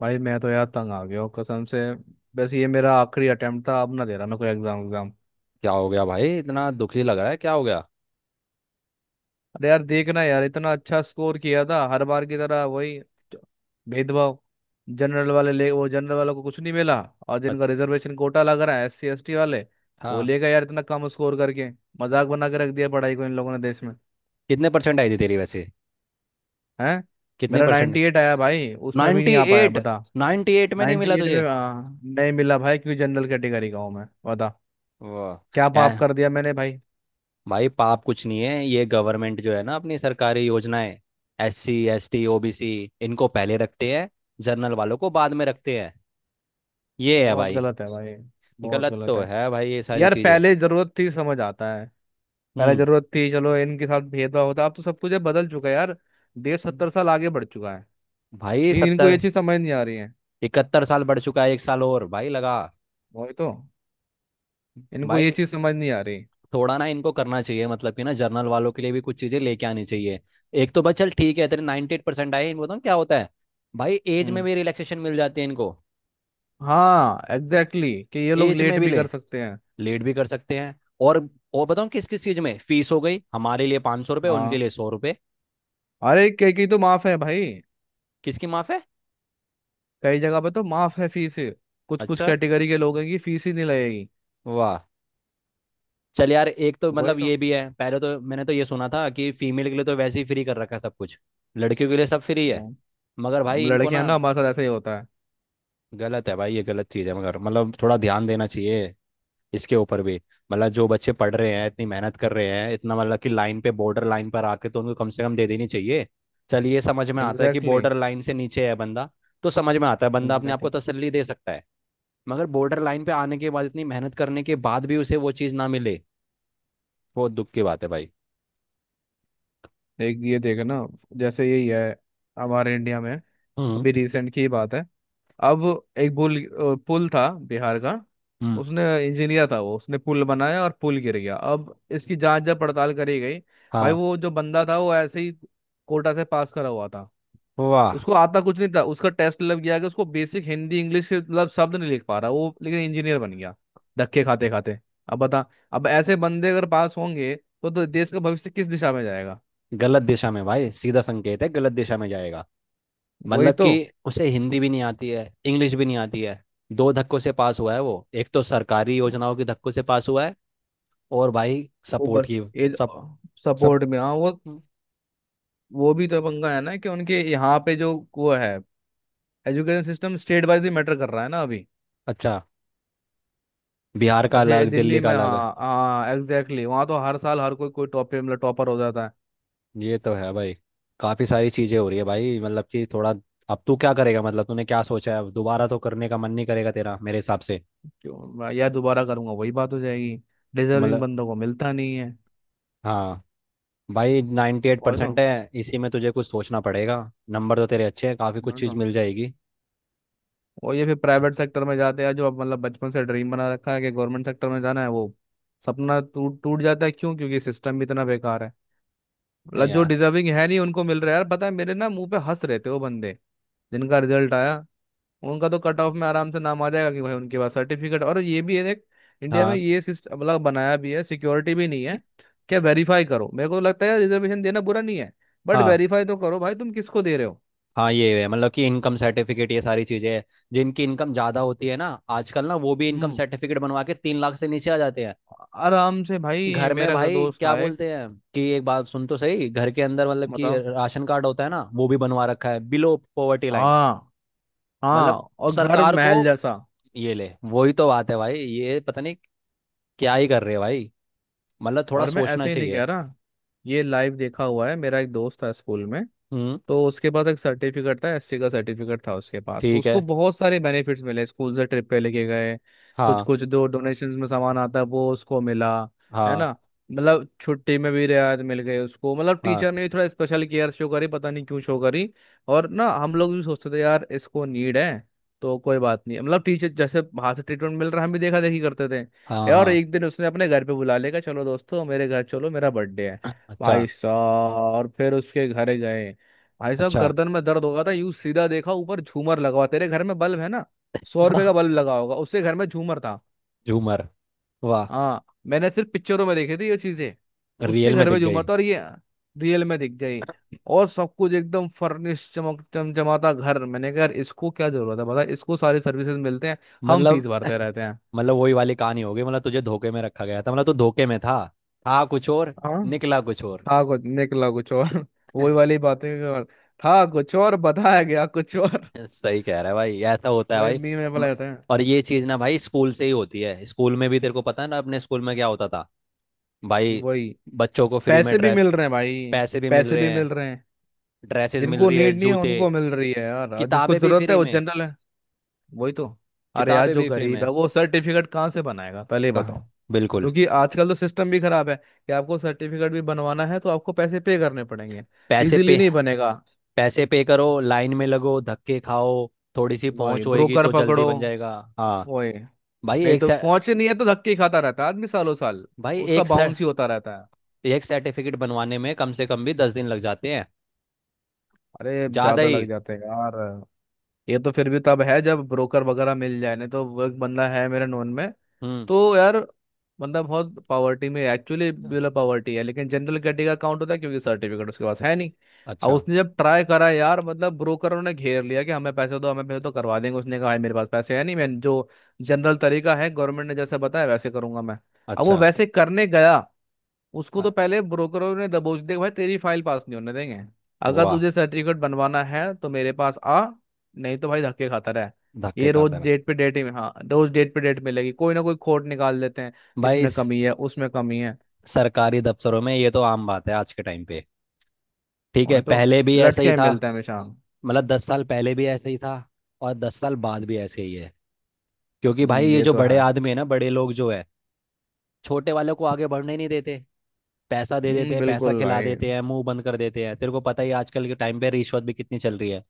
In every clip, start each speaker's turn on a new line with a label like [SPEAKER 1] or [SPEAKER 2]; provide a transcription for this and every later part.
[SPEAKER 1] भाई मैं तो यार तंग आ गया हूँ कसम से। बस ये मेरा आखिरी अटेम्प्ट था। अब ना दे रहा मैं कोई एग्जाम एग्जाम।
[SPEAKER 2] क्या हो गया भाई? इतना दुखी लग रहा है, क्या हो गया?
[SPEAKER 1] अरे यार देखना यार इतना अच्छा स्कोर किया था हर बार की तरह। वही च- भेदभाव। जनरल वाले ले वो जनरल वालों को कुछ नहीं मिला। और
[SPEAKER 2] अ-
[SPEAKER 1] जिनका रिजर्वेशन कोटा लग रहा है एस सी एस टी वाले वो
[SPEAKER 2] हाँ।
[SPEAKER 1] ले गए यार इतना कम स्कोर करके। मजाक बना के रख दिया पढ़ाई को इन लोगों ने देश में।
[SPEAKER 2] कितने परसेंट आई थी तेरी वैसे?
[SPEAKER 1] है।
[SPEAKER 2] कितने
[SPEAKER 1] मेरा
[SPEAKER 2] परसेंट?
[SPEAKER 1] 98 आया भाई। उसमें भी
[SPEAKER 2] नाइन्टी
[SPEAKER 1] नहीं आ पाया
[SPEAKER 2] एट
[SPEAKER 1] बता।
[SPEAKER 2] 98 में नहीं
[SPEAKER 1] नाइन्टी
[SPEAKER 2] मिला
[SPEAKER 1] एट
[SPEAKER 2] तुझे?
[SPEAKER 1] में नहीं मिला भाई क्योंकि जनरल कैटेगरी का हूँ मैं। बता
[SPEAKER 2] वाह।
[SPEAKER 1] क्या पाप कर दिया मैंने भाई।
[SPEAKER 2] भाई पाप कुछ नहीं है। ये गवर्नमेंट जो है ना, अपनी सरकारी योजनाएं, S C S T, O B C, इनको पहले रखते हैं। जनरल वालों को बाद में रखते हैं। ये है
[SPEAKER 1] बहुत
[SPEAKER 2] भाई।
[SPEAKER 1] गलत है भाई। बहुत
[SPEAKER 2] गलत
[SPEAKER 1] गलत
[SPEAKER 2] तो
[SPEAKER 1] है।
[SPEAKER 2] है भाई, ये सारी
[SPEAKER 1] यार
[SPEAKER 2] चीजें।
[SPEAKER 1] पहले जरूरत थी समझ आता है। पहले
[SPEAKER 2] हम्म।
[SPEAKER 1] जरूरत थी चलो इनके साथ भेदभाव होता। अब तो सब कुछ ये बदल चुका है यार। देश 70 साल आगे बढ़ चुका है।
[SPEAKER 2] भाई
[SPEAKER 1] लेकिन इनको ये
[SPEAKER 2] 70,
[SPEAKER 1] चीज समझ नहीं आ रही है।
[SPEAKER 2] 71 साल बढ़ चुका है, एक साल और भाई लगा।
[SPEAKER 1] वही तो। इनको ये
[SPEAKER 2] भाई,
[SPEAKER 1] चीज समझ नहीं आ रही।
[SPEAKER 2] थोड़ा ना इनको करना चाहिए, मतलब कि ना जर्नल वालों के लिए भी कुछ चीजें लेके आनी चाहिए। एक तो बस, चल ठीक है, तेरे 98% एट परसेंट आए, इनको बताऊँ क्या होता है। भाई, एज में
[SPEAKER 1] हम्म।
[SPEAKER 2] भी रिलैक्सेशन मिल जाती है इनको।
[SPEAKER 1] हाँ एग्जैक्टली कि ये लोग
[SPEAKER 2] एज में
[SPEAKER 1] लेट
[SPEAKER 2] भी
[SPEAKER 1] भी कर
[SPEAKER 2] ले
[SPEAKER 1] सकते हैं।
[SPEAKER 2] लेट भी कर सकते हैं। और और बताऊँ किस किस चीज में फीस हो गई। हमारे लिए 500 रुपये, उनके
[SPEAKER 1] हाँ।
[SPEAKER 2] लिए 100 रुपये।
[SPEAKER 1] अरे कई कई तो माफ है भाई।
[SPEAKER 2] किसकी माफ है?
[SPEAKER 1] कई जगह पे तो माफ है फीस। कुछ कुछ
[SPEAKER 2] अच्छा।
[SPEAKER 1] कैटेगरी के लोगों की फीस ही नहीं लगेगी।
[SPEAKER 2] वाह। चल यार, एक तो
[SPEAKER 1] वही
[SPEAKER 2] मतलब
[SPEAKER 1] तो।
[SPEAKER 2] ये भी है, पहले तो मैंने तो ये सुना था कि फीमेल के लिए तो वैसे ही फ्री कर रखा है सब कुछ। लड़कियों के लिए सब फ्री है।
[SPEAKER 1] वो
[SPEAKER 2] मगर भाई
[SPEAKER 1] हम
[SPEAKER 2] इनको
[SPEAKER 1] लड़के हैं
[SPEAKER 2] ना।
[SPEAKER 1] ना हमारे साथ ऐसा ही होता है।
[SPEAKER 2] गलत है भाई, ये गलत चीज़ है, मगर मतलब थोड़ा ध्यान देना चाहिए इसके ऊपर भी। मतलब जो बच्चे पढ़ रहे हैं, इतनी मेहनत कर रहे हैं, इतना मतलब कि लाइन पे बॉर्डर लाइन पर आके, तो उनको कम से कम दे देनी चाहिए। चल, ये समझ में आता है कि
[SPEAKER 1] एग्जैक्टली
[SPEAKER 2] बॉर्डर लाइन से नीचे है बंदा, तो समझ में आता है, बंदा अपने आप को
[SPEAKER 1] एग्जैक्टली।
[SPEAKER 2] तसल्ली दे सकता है। मगर बॉर्डर लाइन पे आने के बाद, इतनी मेहनत करने के बाद भी उसे वो चीज़ ना मिले, बहुत दुख की बात है भाई।
[SPEAKER 1] एक ये देखे ना। जैसे यही है हमारे इंडिया में।
[SPEAKER 2] हम्म।
[SPEAKER 1] अभी रिसेंट की बात है। अब एक पुल पुल था बिहार का।
[SPEAKER 2] हम्म।
[SPEAKER 1] उसने इंजीनियर था वो। उसने पुल बनाया और पुल गिर गया। अब इसकी जांच जब पड़ताल करी गई भाई।
[SPEAKER 2] हाँ।
[SPEAKER 1] वो जो बंदा था वो ऐसे ही कोटा से पास करा हुआ था।
[SPEAKER 2] वाह।
[SPEAKER 1] उसको आता कुछ नहीं था। उसका टेस्ट मतलब किया कि उसको बेसिक हिंदी इंग्लिश के मतलब शब्द नहीं लिख पा रहा वो, लेकिन इंजीनियर बन गया धक्के खाते खाते। अब बता। अब ऐसे बंदे अगर पास होंगे तो देश का भविष्य किस दिशा में जाएगा।
[SPEAKER 2] गलत दिशा में भाई, सीधा संकेत है, गलत दिशा में जाएगा।
[SPEAKER 1] वही
[SPEAKER 2] मतलब
[SPEAKER 1] तो।
[SPEAKER 2] कि उसे हिंदी भी नहीं आती है, इंग्लिश भी नहीं आती है। दो धक्कों से पास हुआ है वो, एक तो सरकारी योजनाओं के धक्कों से पास हुआ है और भाई
[SPEAKER 1] वो
[SPEAKER 2] सपोर्ट
[SPEAKER 1] बस
[SPEAKER 2] की
[SPEAKER 1] एज
[SPEAKER 2] सब सब।
[SPEAKER 1] सपोर्ट में। हाँ वो भी तो पंगा है ना कि उनके यहाँ पे जो वो है एजुकेशन सिस्टम स्टेट वाइज ही मैटर कर रहा है ना अभी।
[SPEAKER 2] अच्छा। बिहार का
[SPEAKER 1] जैसे
[SPEAKER 2] अलग,
[SPEAKER 1] दिल्ली
[SPEAKER 2] दिल्ली का
[SPEAKER 1] में
[SPEAKER 2] अलग।
[SPEAKER 1] हाँ हाँ एग्जैक्टली। वहाँ तो हर साल हर कोई कोई टॉप मतलब टॉपर हो जाता है।
[SPEAKER 2] ये तो है भाई। काफ़ी सारी चीज़ें हो रही है भाई, मतलब कि थोड़ा। अब तू क्या करेगा? मतलब तूने क्या सोचा है? दोबारा तो करने का मन नहीं करेगा तेरा, मेरे हिसाब से।
[SPEAKER 1] क्यों? मैं यार दोबारा करूंगा वही बात हो जाएगी। डिजर्विंग
[SPEAKER 2] मतलब,
[SPEAKER 1] बंदों को मिलता नहीं है।
[SPEAKER 2] हाँ। भाई नाइन्टी एट
[SPEAKER 1] वही तो।
[SPEAKER 2] परसेंट है, इसी में तुझे कुछ सोचना पड़ेगा। नंबर तो तेरे अच्छे हैं, काफ़ी कुछ
[SPEAKER 1] वही
[SPEAKER 2] चीज़
[SPEAKER 1] तो।
[SPEAKER 2] मिल जाएगी।
[SPEAKER 1] और ये फिर प्राइवेट सेक्टर में जाते हैं, जो अब मतलब बचपन से ड्रीम बना रखा है कि गवर्नमेंट सेक्टर में जाना है। वो सपना टूट टूट जाता है। क्यों? क्योंकि सिस्टम भी इतना बेकार है।
[SPEAKER 2] नहीं
[SPEAKER 1] मतलब जो
[SPEAKER 2] यार।
[SPEAKER 1] डिजर्विंग है नहीं उनको मिल रहा है यार। पता है मेरे ना मुंह पे हंस रहे थे वो बंदे जिनका रिजल्ट आया। उनका तो कट ऑफ में आराम से नाम आ जाएगा कि भाई उनके पास सर्टिफिकेट और ये भी है, देख। इंडिया में
[SPEAKER 2] हाँ,
[SPEAKER 1] ये सिस्टम मतलब बनाया भी है सिक्योरिटी भी नहीं है। क्या वेरीफाई करो। मेरे को लगता है रिजर्वेशन देना बुरा नहीं है, बट
[SPEAKER 2] हाँ,
[SPEAKER 1] वेरीफाई तो करो भाई तुम किसको दे रहे हो।
[SPEAKER 2] हाँ, ये है। मतलब कि इनकम सर्टिफिकेट, ये सारी चीजें हैं। जिनकी इनकम ज्यादा होती है ना आजकल ना, वो भी इनकम
[SPEAKER 1] हम्म।
[SPEAKER 2] सर्टिफिकेट बनवा के 3 लाख से नीचे आ जाते हैं।
[SPEAKER 1] आराम से भाई।
[SPEAKER 2] घर में
[SPEAKER 1] मेरा का
[SPEAKER 2] भाई
[SPEAKER 1] दोस्त
[SPEAKER 2] क्या
[SPEAKER 1] था एक।
[SPEAKER 2] बोलते हैं, कि एक बात सुन तो सही, घर के अंदर मतलब कि
[SPEAKER 1] बताओ।
[SPEAKER 2] राशन कार्ड होता है ना, वो भी बनवा रखा है बिलो पॉवर्टी लाइन।
[SPEAKER 1] हाँ।
[SPEAKER 2] मतलब
[SPEAKER 1] हाँ, और घर
[SPEAKER 2] सरकार को
[SPEAKER 1] महल जैसा।
[SPEAKER 2] ये ले, वही तो बात है भाई, ये पता नहीं क्या ही कर रहे हैं भाई, मतलब थोड़ा
[SPEAKER 1] और मैं
[SPEAKER 2] सोचना
[SPEAKER 1] ऐसे ही नहीं
[SPEAKER 2] चाहिए।
[SPEAKER 1] कह रहा। ये लाइव देखा हुआ है। मेरा एक दोस्त था स्कूल में।
[SPEAKER 2] हम्म।
[SPEAKER 1] तो उसके पास एक सर्टिफिकेट था, एससी का सर्टिफिकेट था उसके पास। तो
[SPEAKER 2] ठीक
[SPEAKER 1] उसको
[SPEAKER 2] है।
[SPEAKER 1] बहुत सारे बेनिफिट्स मिले स्कूल से। ट्रिप पे लेके गए। कुछ
[SPEAKER 2] हाँ,
[SPEAKER 1] कुछ दो डोनेशंस में सामान आता है वो उसको मिला। है
[SPEAKER 2] हाँ,
[SPEAKER 1] ना? मतलब छुट्टी में भी रियायत मिल गई उसको। मतलब
[SPEAKER 2] हाँ,
[SPEAKER 1] टीचर ने भी थोड़ा स्पेशल केयर शो करी, पता नहीं क्यों शो करी। और ना हम लोग भी सोचते थे यार इसको नीड है तो कोई बात नहीं। मतलब टीचर जैसे बाहर से ट्रीटमेंट मिल रहा है, हम भी देखा देखी करते
[SPEAKER 2] हाँ,
[SPEAKER 1] थे। और
[SPEAKER 2] हाँ।
[SPEAKER 1] एक दिन उसने अपने घर पे बुला लेगा चलो दोस्तों मेरे घर चलो मेरा बर्थडे है।
[SPEAKER 2] अच्छा।
[SPEAKER 1] भाई साहब और फिर उसके घर गए। भाई साहब
[SPEAKER 2] अच्छा।
[SPEAKER 1] गर्दन में दर्द होगा था यूं सीधा देखा ऊपर झूमर लगा हुआ। तेरे घर में बल्ब है ना, 100 रुपए का बल्ब लगा होगा, उससे घर में झूमर था।
[SPEAKER 2] झूमर। वाह।
[SPEAKER 1] हाँ मैंने सिर्फ पिक्चरों में देखी थी ये चीजें। उससे
[SPEAKER 2] रियल में
[SPEAKER 1] घर में
[SPEAKER 2] दिख
[SPEAKER 1] झूमर
[SPEAKER 2] गई।
[SPEAKER 1] था और ये रियल में दिख गई। और सब कुछ एकदम फर्निश चमक चमचमाता घर। मैंने कहा यार इसको क्या जरूरत है, बता। इसको सारी सर्विसेज मिलते हैं, हम
[SPEAKER 2] मतलब,
[SPEAKER 1] फीस भरते रहते हैं।
[SPEAKER 2] मतलब वही वाली कहानी हो गई, मतलब तुझे धोखे में रखा गया था, मतलब तू धोखे में था। था कुछ और,
[SPEAKER 1] हाँ।
[SPEAKER 2] निकला कुछ और।
[SPEAKER 1] था कुछ, निकला कुछ और। वही वाली बातें। और था कुछ और, बताया गया कुछ और।
[SPEAKER 2] सही कह रहा है भाई, ऐसा होता है
[SPEAKER 1] वही
[SPEAKER 2] भाई।
[SPEAKER 1] मी में
[SPEAKER 2] म-
[SPEAKER 1] बोला जाता है।
[SPEAKER 2] और ये चीज ना भाई स्कूल से ही होती है, स्कूल में भी, तेरे को पता है ना अपने स्कूल में क्या होता था। भाई
[SPEAKER 1] वही।
[SPEAKER 2] बच्चों को फ्री में
[SPEAKER 1] पैसे भी मिल
[SPEAKER 2] ड्रेस,
[SPEAKER 1] रहे हैं भाई।
[SPEAKER 2] पैसे भी मिल
[SPEAKER 1] पैसे
[SPEAKER 2] रहे
[SPEAKER 1] भी मिल
[SPEAKER 2] हैं।
[SPEAKER 1] रहे हैं।
[SPEAKER 2] ड्रेसेस मिल
[SPEAKER 1] जिनको
[SPEAKER 2] रही है,
[SPEAKER 1] नीड नहीं है
[SPEAKER 2] जूते,
[SPEAKER 1] उनको मिल रही है यार, और जिसको
[SPEAKER 2] किताबें भी
[SPEAKER 1] जरूरत है
[SPEAKER 2] फ्री
[SPEAKER 1] वो
[SPEAKER 2] में,
[SPEAKER 1] जनरल है। वही तो। अरे यार
[SPEAKER 2] किताबें
[SPEAKER 1] जो
[SPEAKER 2] भी फ्री
[SPEAKER 1] गरीब
[SPEAKER 2] में।
[SPEAKER 1] है वो सर्टिफिकेट कहाँ से बनाएगा, पहले ये बताओ।
[SPEAKER 2] कहाँ? बिल्कुल।
[SPEAKER 1] क्योंकि आजकल तो सिस्टम भी खराब है कि आपको सर्टिफिकेट भी बनवाना है तो आपको पैसे पे करने पड़ेंगे।
[SPEAKER 2] पैसे
[SPEAKER 1] इजीली
[SPEAKER 2] पे।
[SPEAKER 1] नहीं बनेगा।
[SPEAKER 2] पैसे पे करो, लाइन में लगो, धक्के खाओ। थोड़ी सी
[SPEAKER 1] वही,
[SPEAKER 2] पहुंच होएगी
[SPEAKER 1] ब्रोकर
[SPEAKER 2] तो जल्दी
[SPEAKER 1] पकड़ो।
[SPEAKER 2] बन जाएगा। हाँ।
[SPEAKER 1] वही।
[SPEAKER 2] भाई
[SPEAKER 1] नहीं
[SPEAKER 2] एक
[SPEAKER 1] तो
[SPEAKER 2] से
[SPEAKER 1] पहुंचे नहीं है तो धक्के ही खाता रहता है आदमी सालों साल।
[SPEAKER 2] भाई
[SPEAKER 1] उसका
[SPEAKER 2] एक सर
[SPEAKER 1] बाउंस ही होता रहता है।
[SPEAKER 2] एक सर्टिफिकेट बनवाने में कम से कम भी 10 दिन लग जाते हैं।
[SPEAKER 1] अरे
[SPEAKER 2] ज्यादा
[SPEAKER 1] ज्यादा
[SPEAKER 2] ही।
[SPEAKER 1] लग जाते हैं यार। ये तो फिर भी तब है जब ब्रोकर वगैरह मिल जाए। नहीं तो वो एक बंदा है मेरे नोन में,
[SPEAKER 2] हम्म।
[SPEAKER 1] तो यार बंदा बहुत पावर्टी में एक्चुअली बिलो पावर्टी है, लेकिन जनरल कैटेगरी का काउंट होता है क्योंकि सर्टिफिकेट उसके पास है नहीं। और
[SPEAKER 2] अच्छा।
[SPEAKER 1] उसने जब ट्राई करा यार, मतलब ब्रोकरों ने घेर लिया कि हमें पैसे दो, हमें पैसे तो करवा देंगे। उसने कहा भाई मेरे पास पैसे है नहीं, मैं जो जनरल तरीका है गवर्नमेंट ने जैसे बताया वैसे करूंगा मैं। अब वो
[SPEAKER 2] अच्छा।
[SPEAKER 1] वैसे करने गया। उसको तो
[SPEAKER 2] अ-
[SPEAKER 1] पहले ब्रोकरों ने दबोच दिया, भाई तेरी फाइल पास नहीं होने देंगे। अगर
[SPEAKER 2] वाह।
[SPEAKER 1] तुझे सर्टिफिकेट बनवाना है तो मेरे पास आ। नहीं तो भाई धक्के खाता रहा।
[SPEAKER 2] धक्के
[SPEAKER 1] ये रोज
[SPEAKER 2] खाता रहा।
[SPEAKER 1] डेट पे डेट ही। हाँ, रोज डेट पे डेट मिलेगी। कोई ना कोई खोट निकाल देते हैं,
[SPEAKER 2] भाई
[SPEAKER 1] इसमें कमी है उसमें कमी है।
[SPEAKER 2] सरकारी दफ्तरों में ये तो आम बात है आज के टाइम पे। ठीक है,
[SPEAKER 1] वही तो।
[SPEAKER 2] पहले भी ऐसा
[SPEAKER 1] लटके
[SPEAKER 2] ही
[SPEAKER 1] ही
[SPEAKER 2] था।
[SPEAKER 1] मिलते हैं हमेशा।
[SPEAKER 2] मतलब 10 साल पहले भी ऐसा ही था, और 10 साल बाद भी ऐसे ही है। क्योंकि भाई ये
[SPEAKER 1] ये
[SPEAKER 2] जो
[SPEAKER 1] तो
[SPEAKER 2] बड़े
[SPEAKER 1] है।
[SPEAKER 2] आदमी है ना, बड़े लोग जो है, छोटे वालों को आगे बढ़ने ही नहीं देते। पैसा दे देते हैं, पैसा
[SPEAKER 1] बिल्कुल
[SPEAKER 2] खिला
[SPEAKER 1] भाई।
[SPEAKER 2] देते हैं, मुंह बंद कर देते हैं। तेरे को पता ही आजकल के टाइम पे रिश्वत भी कितनी चल रही है।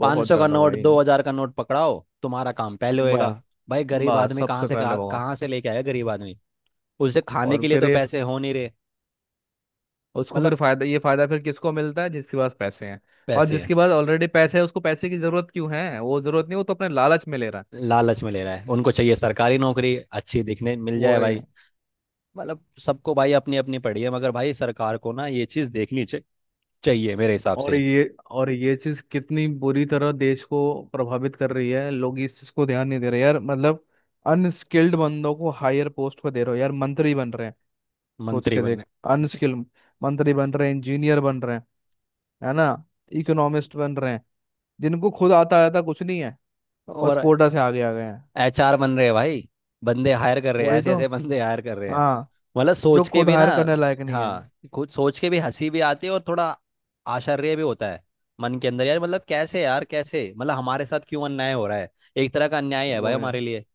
[SPEAKER 2] पाँच
[SPEAKER 1] बहुत
[SPEAKER 2] सौ का
[SPEAKER 1] ज्यादा
[SPEAKER 2] नोट
[SPEAKER 1] भाई।
[SPEAKER 2] 2000 का नोट पकड़ाओ, तुम्हारा काम पहले होएगा।
[SPEAKER 1] बस।
[SPEAKER 2] भाई गरीब
[SPEAKER 1] बस
[SPEAKER 2] आदमी कहाँ
[SPEAKER 1] सबसे
[SPEAKER 2] से,
[SPEAKER 1] पहले वो।
[SPEAKER 2] कहाँ कहाँ से लेके आएगा गरीब आदमी? उसे खाने
[SPEAKER 1] और
[SPEAKER 2] के लिए
[SPEAKER 1] फिर
[SPEAKER 2] तो
[SPEAKER 1] ये।
[SPEAKER 2] पैसे हो नहीं रहे।
[SPEAKER 1] उसको फिर
[SPEAKER 2] मतलब
[SPEAKER 1] फायदा, ये फायदा फिर किसको मिलता है, जिसके पास पैसे हैं। और
[SPEAKER 2] पैसे।
[SPEAKER 1] जिसके पास ऑलरेडी पैसे है उसको पैसे की जरूरत क्यों है? वो जरूरत नहीं, वो तो अपने लालच में ले रहा है।
[SPEAKER 2] लालच में ले रहा है, उनको चाहिए सरकारी नौकरी अच्छी, दिखने मिल
[SPEAKER 1] वो
[SPEAKER 2] जाए
[SPEAKER 1] है।
[SPEAKER 2] भाई। मतलब सबको भाई अपनी अपनी पड़ी है, मगर भाई सरकार को ना ये चीज देखनी चाहिए, मेरे हिसाब
[SPEAKER 1] और
[SPEAKER 2] से।
[SPEAKER 1] ये। और ये चीज कितनी बुरी तरह देश को प्रभावित कर रही है, लोग इस चीज को ध्यान नहीं दे रहे यार। मतलब अनस्किल्ड बंदों को हायर पोस्ट पे दे रहे हो यार। मंत्री बन रहे हैं। सोच
[SPEAKER 2] मंत्री
[SPEAKER 1] के
[SPEAKER 2] बनने।
[SPEAKER 1] देख। अनस्किल्ड मंत्री बन रहे हैं। इंजीनियर बन रहे हैं। है ना? इकोनॉमिस्ट बन रहे हैं। जिनको खुद आता आता कुछ नहीं है। बस
[SPEAKER 2] और
[SPEAKER 1] कोटा से आगे आ गए हैं।
[SPEAKER 2] एचआर बन रहे हैं भाई, बंदे हायर कर रहे हैं,
[SPEAKER 1] वही
[SPEAKER 2] ऐसे
[SPEAKER 1] तो।
[SPEAKER 2] ऐसे बंदे हायर कर रहे हैं,
[SPEAKER 1] हाँ।
[SPEAKER 2] मतलब
[SPEAKER 1] जो
[SPEAKER 2] सोच के
[SPEAKER 1] खुद
[SPEAKER 2] भी ना।
[SPEAKER 1] हायर करने लायक नहीं है।
[SPEAKER 2] हाँ, खुद सोच के भी हंसी भी आती है और थोड़ा आश्चर्य भी होता है मन के अंदर यार। मतलब कैसे यार, कैसे मतलब हमारे साथ क्यों अन्याय हो रहा है? एक तरह का अन्याय है भाई
[SPEAKER 1] वो है।
[SPEAKER 2] हमारे लिए।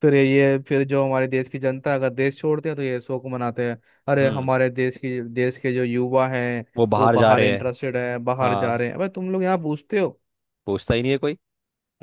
[SPEAKER 1] फिर ये। फिर जो हमारे देश की जनता है, अगर देश छोड़ते हैं तो ये शोक मनाते हैं। अरे
[SPEAKER 2] हम्म।
[SPEAKER 1] हमारे देश की, देश के जो युवा हैं
[SPEAKER 2] वो
[SPEAKER 1] वो
[SPEAKER 2] बाहर जा
[SPEAKER 1] बाहर
[SPEAKER 2] रहे हैं।
[SPEAKER 1] इंटरेस्टेड है बाहर जा
[SPEAKER 2] हाँ,
[SPEAKER 1] रहे हैं। अबे तुम लोग यहाँ पूछते हो।
[SPEAKER 2] पूछता ही नहीं है कोई।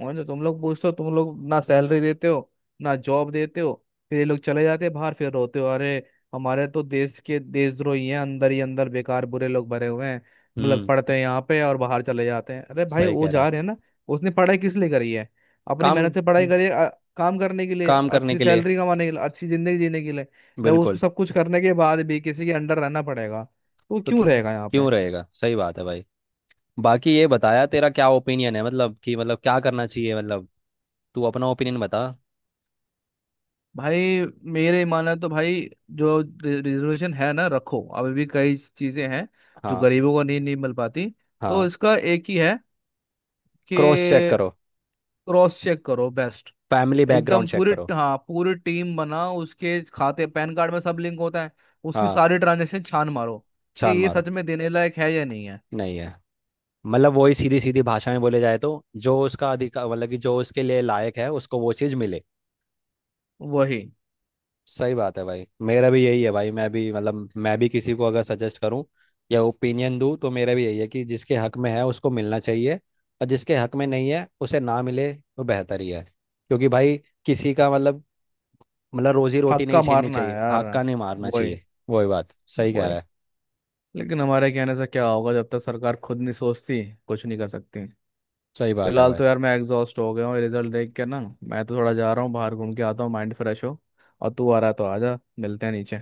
[SPEAKER 1] और जो तुम लोग पूछते हो, तुम लोग ना सैलरी देते हो ना जॉब देते हो। फिर ये लोग चले जाते हैं बाहर, फिर रोते हो अरे हमारे तो देश के देशद्रोही हैं, अंदर ही अंदर बेकार बुरे लोग भरे हुए हैं। मतलब
[SPEAKER 2] हम्म।
[SPEAKER 1] पढ़ते हैं यहाँ पे और बाहर चले जाते हैं। अरे भाई
[SPEAKER 2] सही
[SPEAKER 1] वो
[SPEAKER 2] कह रहा है।
[SPEAKER 1] जा रहे हैं ना। उसने पढ़ाई किस लिए करी है? अपनी मेहनत
[SPEAKER 2] काम
[SPEAKER 1] से पढ़ाई करी है काम करने के लिए,
[SPEAKER 2] काम करने
[SPEAKER 1] अच्छी
[SPEAKER 2] के लिए।
[SPEAKER 1] सैलरी कमाने के लिए, अच्छी जिंदगी जीने के लिए। जब उसको
[SPEAKER 2] बिल्कुल।
[SPEAKER 1] सब कुछ करने के बाद भी किसी के अंडर रहना पड़ेगा तो वो
[SPEAKER 2] तो
[SPEAKER 1] क्यों
[SPEAKER 2] क्यों
[SPEAKER 1] रहेगा यहाँ पे?
[SPEAKER 2] क्यों रहेगा? सही बात है भाई। बाकी ये बताया, तेरा क्या ओपिनियन है, मतलब कि मतलब क्या करना चाहिए, मतलब तू अपना ओपिनियन बता।
[SPEAKER 1] भाई मेरे माना तो भाई जो रिजर्वेशन है ना रखो। अभी भी कई चीजें हैं जो
[SPEAKER 2] हाँ।
[SPEAKER 1] गरीबों को नहीं नहीं मिल पाती। तो
[SPEAKER 2] हाँ।
[SPEAKER 1] इसका एक ही है,
[SPEAKER 2] क्रॉस चेक
[SPEAKER 1] कि
[SPEAKER 2] करो,
[SPEAKER 1] क्रॉस चेक करो बेस्ट।
[SPEAKER 2] फैमिली बैकग्राउंड
[SPEAKER 1] एकदम
[SPEAKER 2] चेक
[SPEAKER 1] पूरी,
[SPEAKER 2] करो।
[SPEAKER 1] हाँ पूरी टीम बनाओ। उसके खाते पैन कार्ड में सब लिंक होता है, उसकी
[SPEAKER 2] हाँ,
[SPEAKER 1] सारी ट्रांजेक्शन छान मारो कि
[SPEAKER 2] छान
[SPEAKER 1] ये
[SPEAKER 2] मारो।
[SPEAKER 1] सच में देने लायक है या नहीं है।
[SPEAKER 2] नहीं है। मतलब वही सीधी सीधी भाषा में बोले जाए तो, जो उसका अधिकार, मतलब कि जो उसके लिए लायक है उसको वो चीज़ मिले।
[SPEAKER 1] वही।
[SPEAKER 2] सही बात है भाई। मेरा भी यही है भाई। मैं भी किसी को अगर सजेस्ट करूं या ओपिनियन दूं, तो मेरा भी यही है कि जिसके हक में है उसको मिलना चाहिए, और जिसके हक में नहीं है उसे ना मिले तो बेहतर ही है। क्योंकि भाई किसी का मतलब रोजी रोटी नहीं
[SPEAKER 1] हक्का
[SPEAKER 2] छीननी
[SPEAKER 1] मारना है
[SPEAKER 2] चाहिए,
[SPEAKER 1] यार।
[SPEAKER 2] हक्का नहीं मारना
[SPEAKER 1] वही।
[SPEAKER 2] चाहिए। वही बात, सही कह रहा
[SPEAKER 1] वही।
[SPEAKER 2] है।
[SPEAKER 1] लेकिन हमारे कहने से क्या होगा, जब तक सरकार खुद नहीं सोचती कुछ नहीं कर सकती।
[SPEAKER 2] सही बात है
[SPEAKER 1] फिलहाल
[SPEAKER 2] भाई।
[SPEAKER 1] तो यार मैं एग्जॉस्ट हो गया हूँ रिजल्ट देख के ना। मैं तो थोड़ा जा रहा हूँ बाहर, घूम के आता हूँ माइंड फ्रेश हो। और तू आ रहा है तो आजा, मिलते हैं नीचे।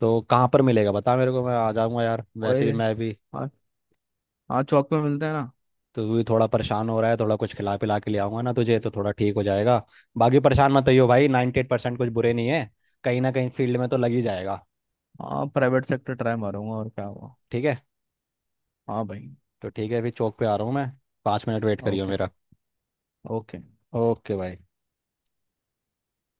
[SPEAKER 2] तो कहाँ पर मिलेगा, बता मेरे को, मैं आ जाऊंगा यार, वैसे भी
[SPEAKER 1] ओए।
[SPEAKER 2] मैं भी।
[SPEAKER 1] हाँ। हाँ, चौक पे मिलते हैं ना।
[SPEAKER 2] तो तू भी थोड़ा परेशान हो रहा है, थोड़ा कुछ खिला पिला के ले आऊंगा ना तुझे, तो थोड़ा ठीक हो जाएगा। बाकी परेशान मत होइयो भाई, 98% एट परसेंट कुछ बुरे नहीं है, कहीं ना कहीं फील्ड में तो लग ही जाएगा।
[SPEAKER 1] हाँ प्राइवेट सेक्टर ट्राई मारूंगा और क्या हुआ।
[SPEAKER 2] ठीक है।
[SPEAKER 1] हाँ भाई।
[SPEAKER 2] तो ठीक है, अभी चौक पे आ रहा हूँ मैं। 5 मिनट वेट करियो
[SPEAKER 1] ओके।
[SPEAKER 2] मेरा।
[SPEAKER 1] ओके।
[SPEAKER 2] ओके भाई।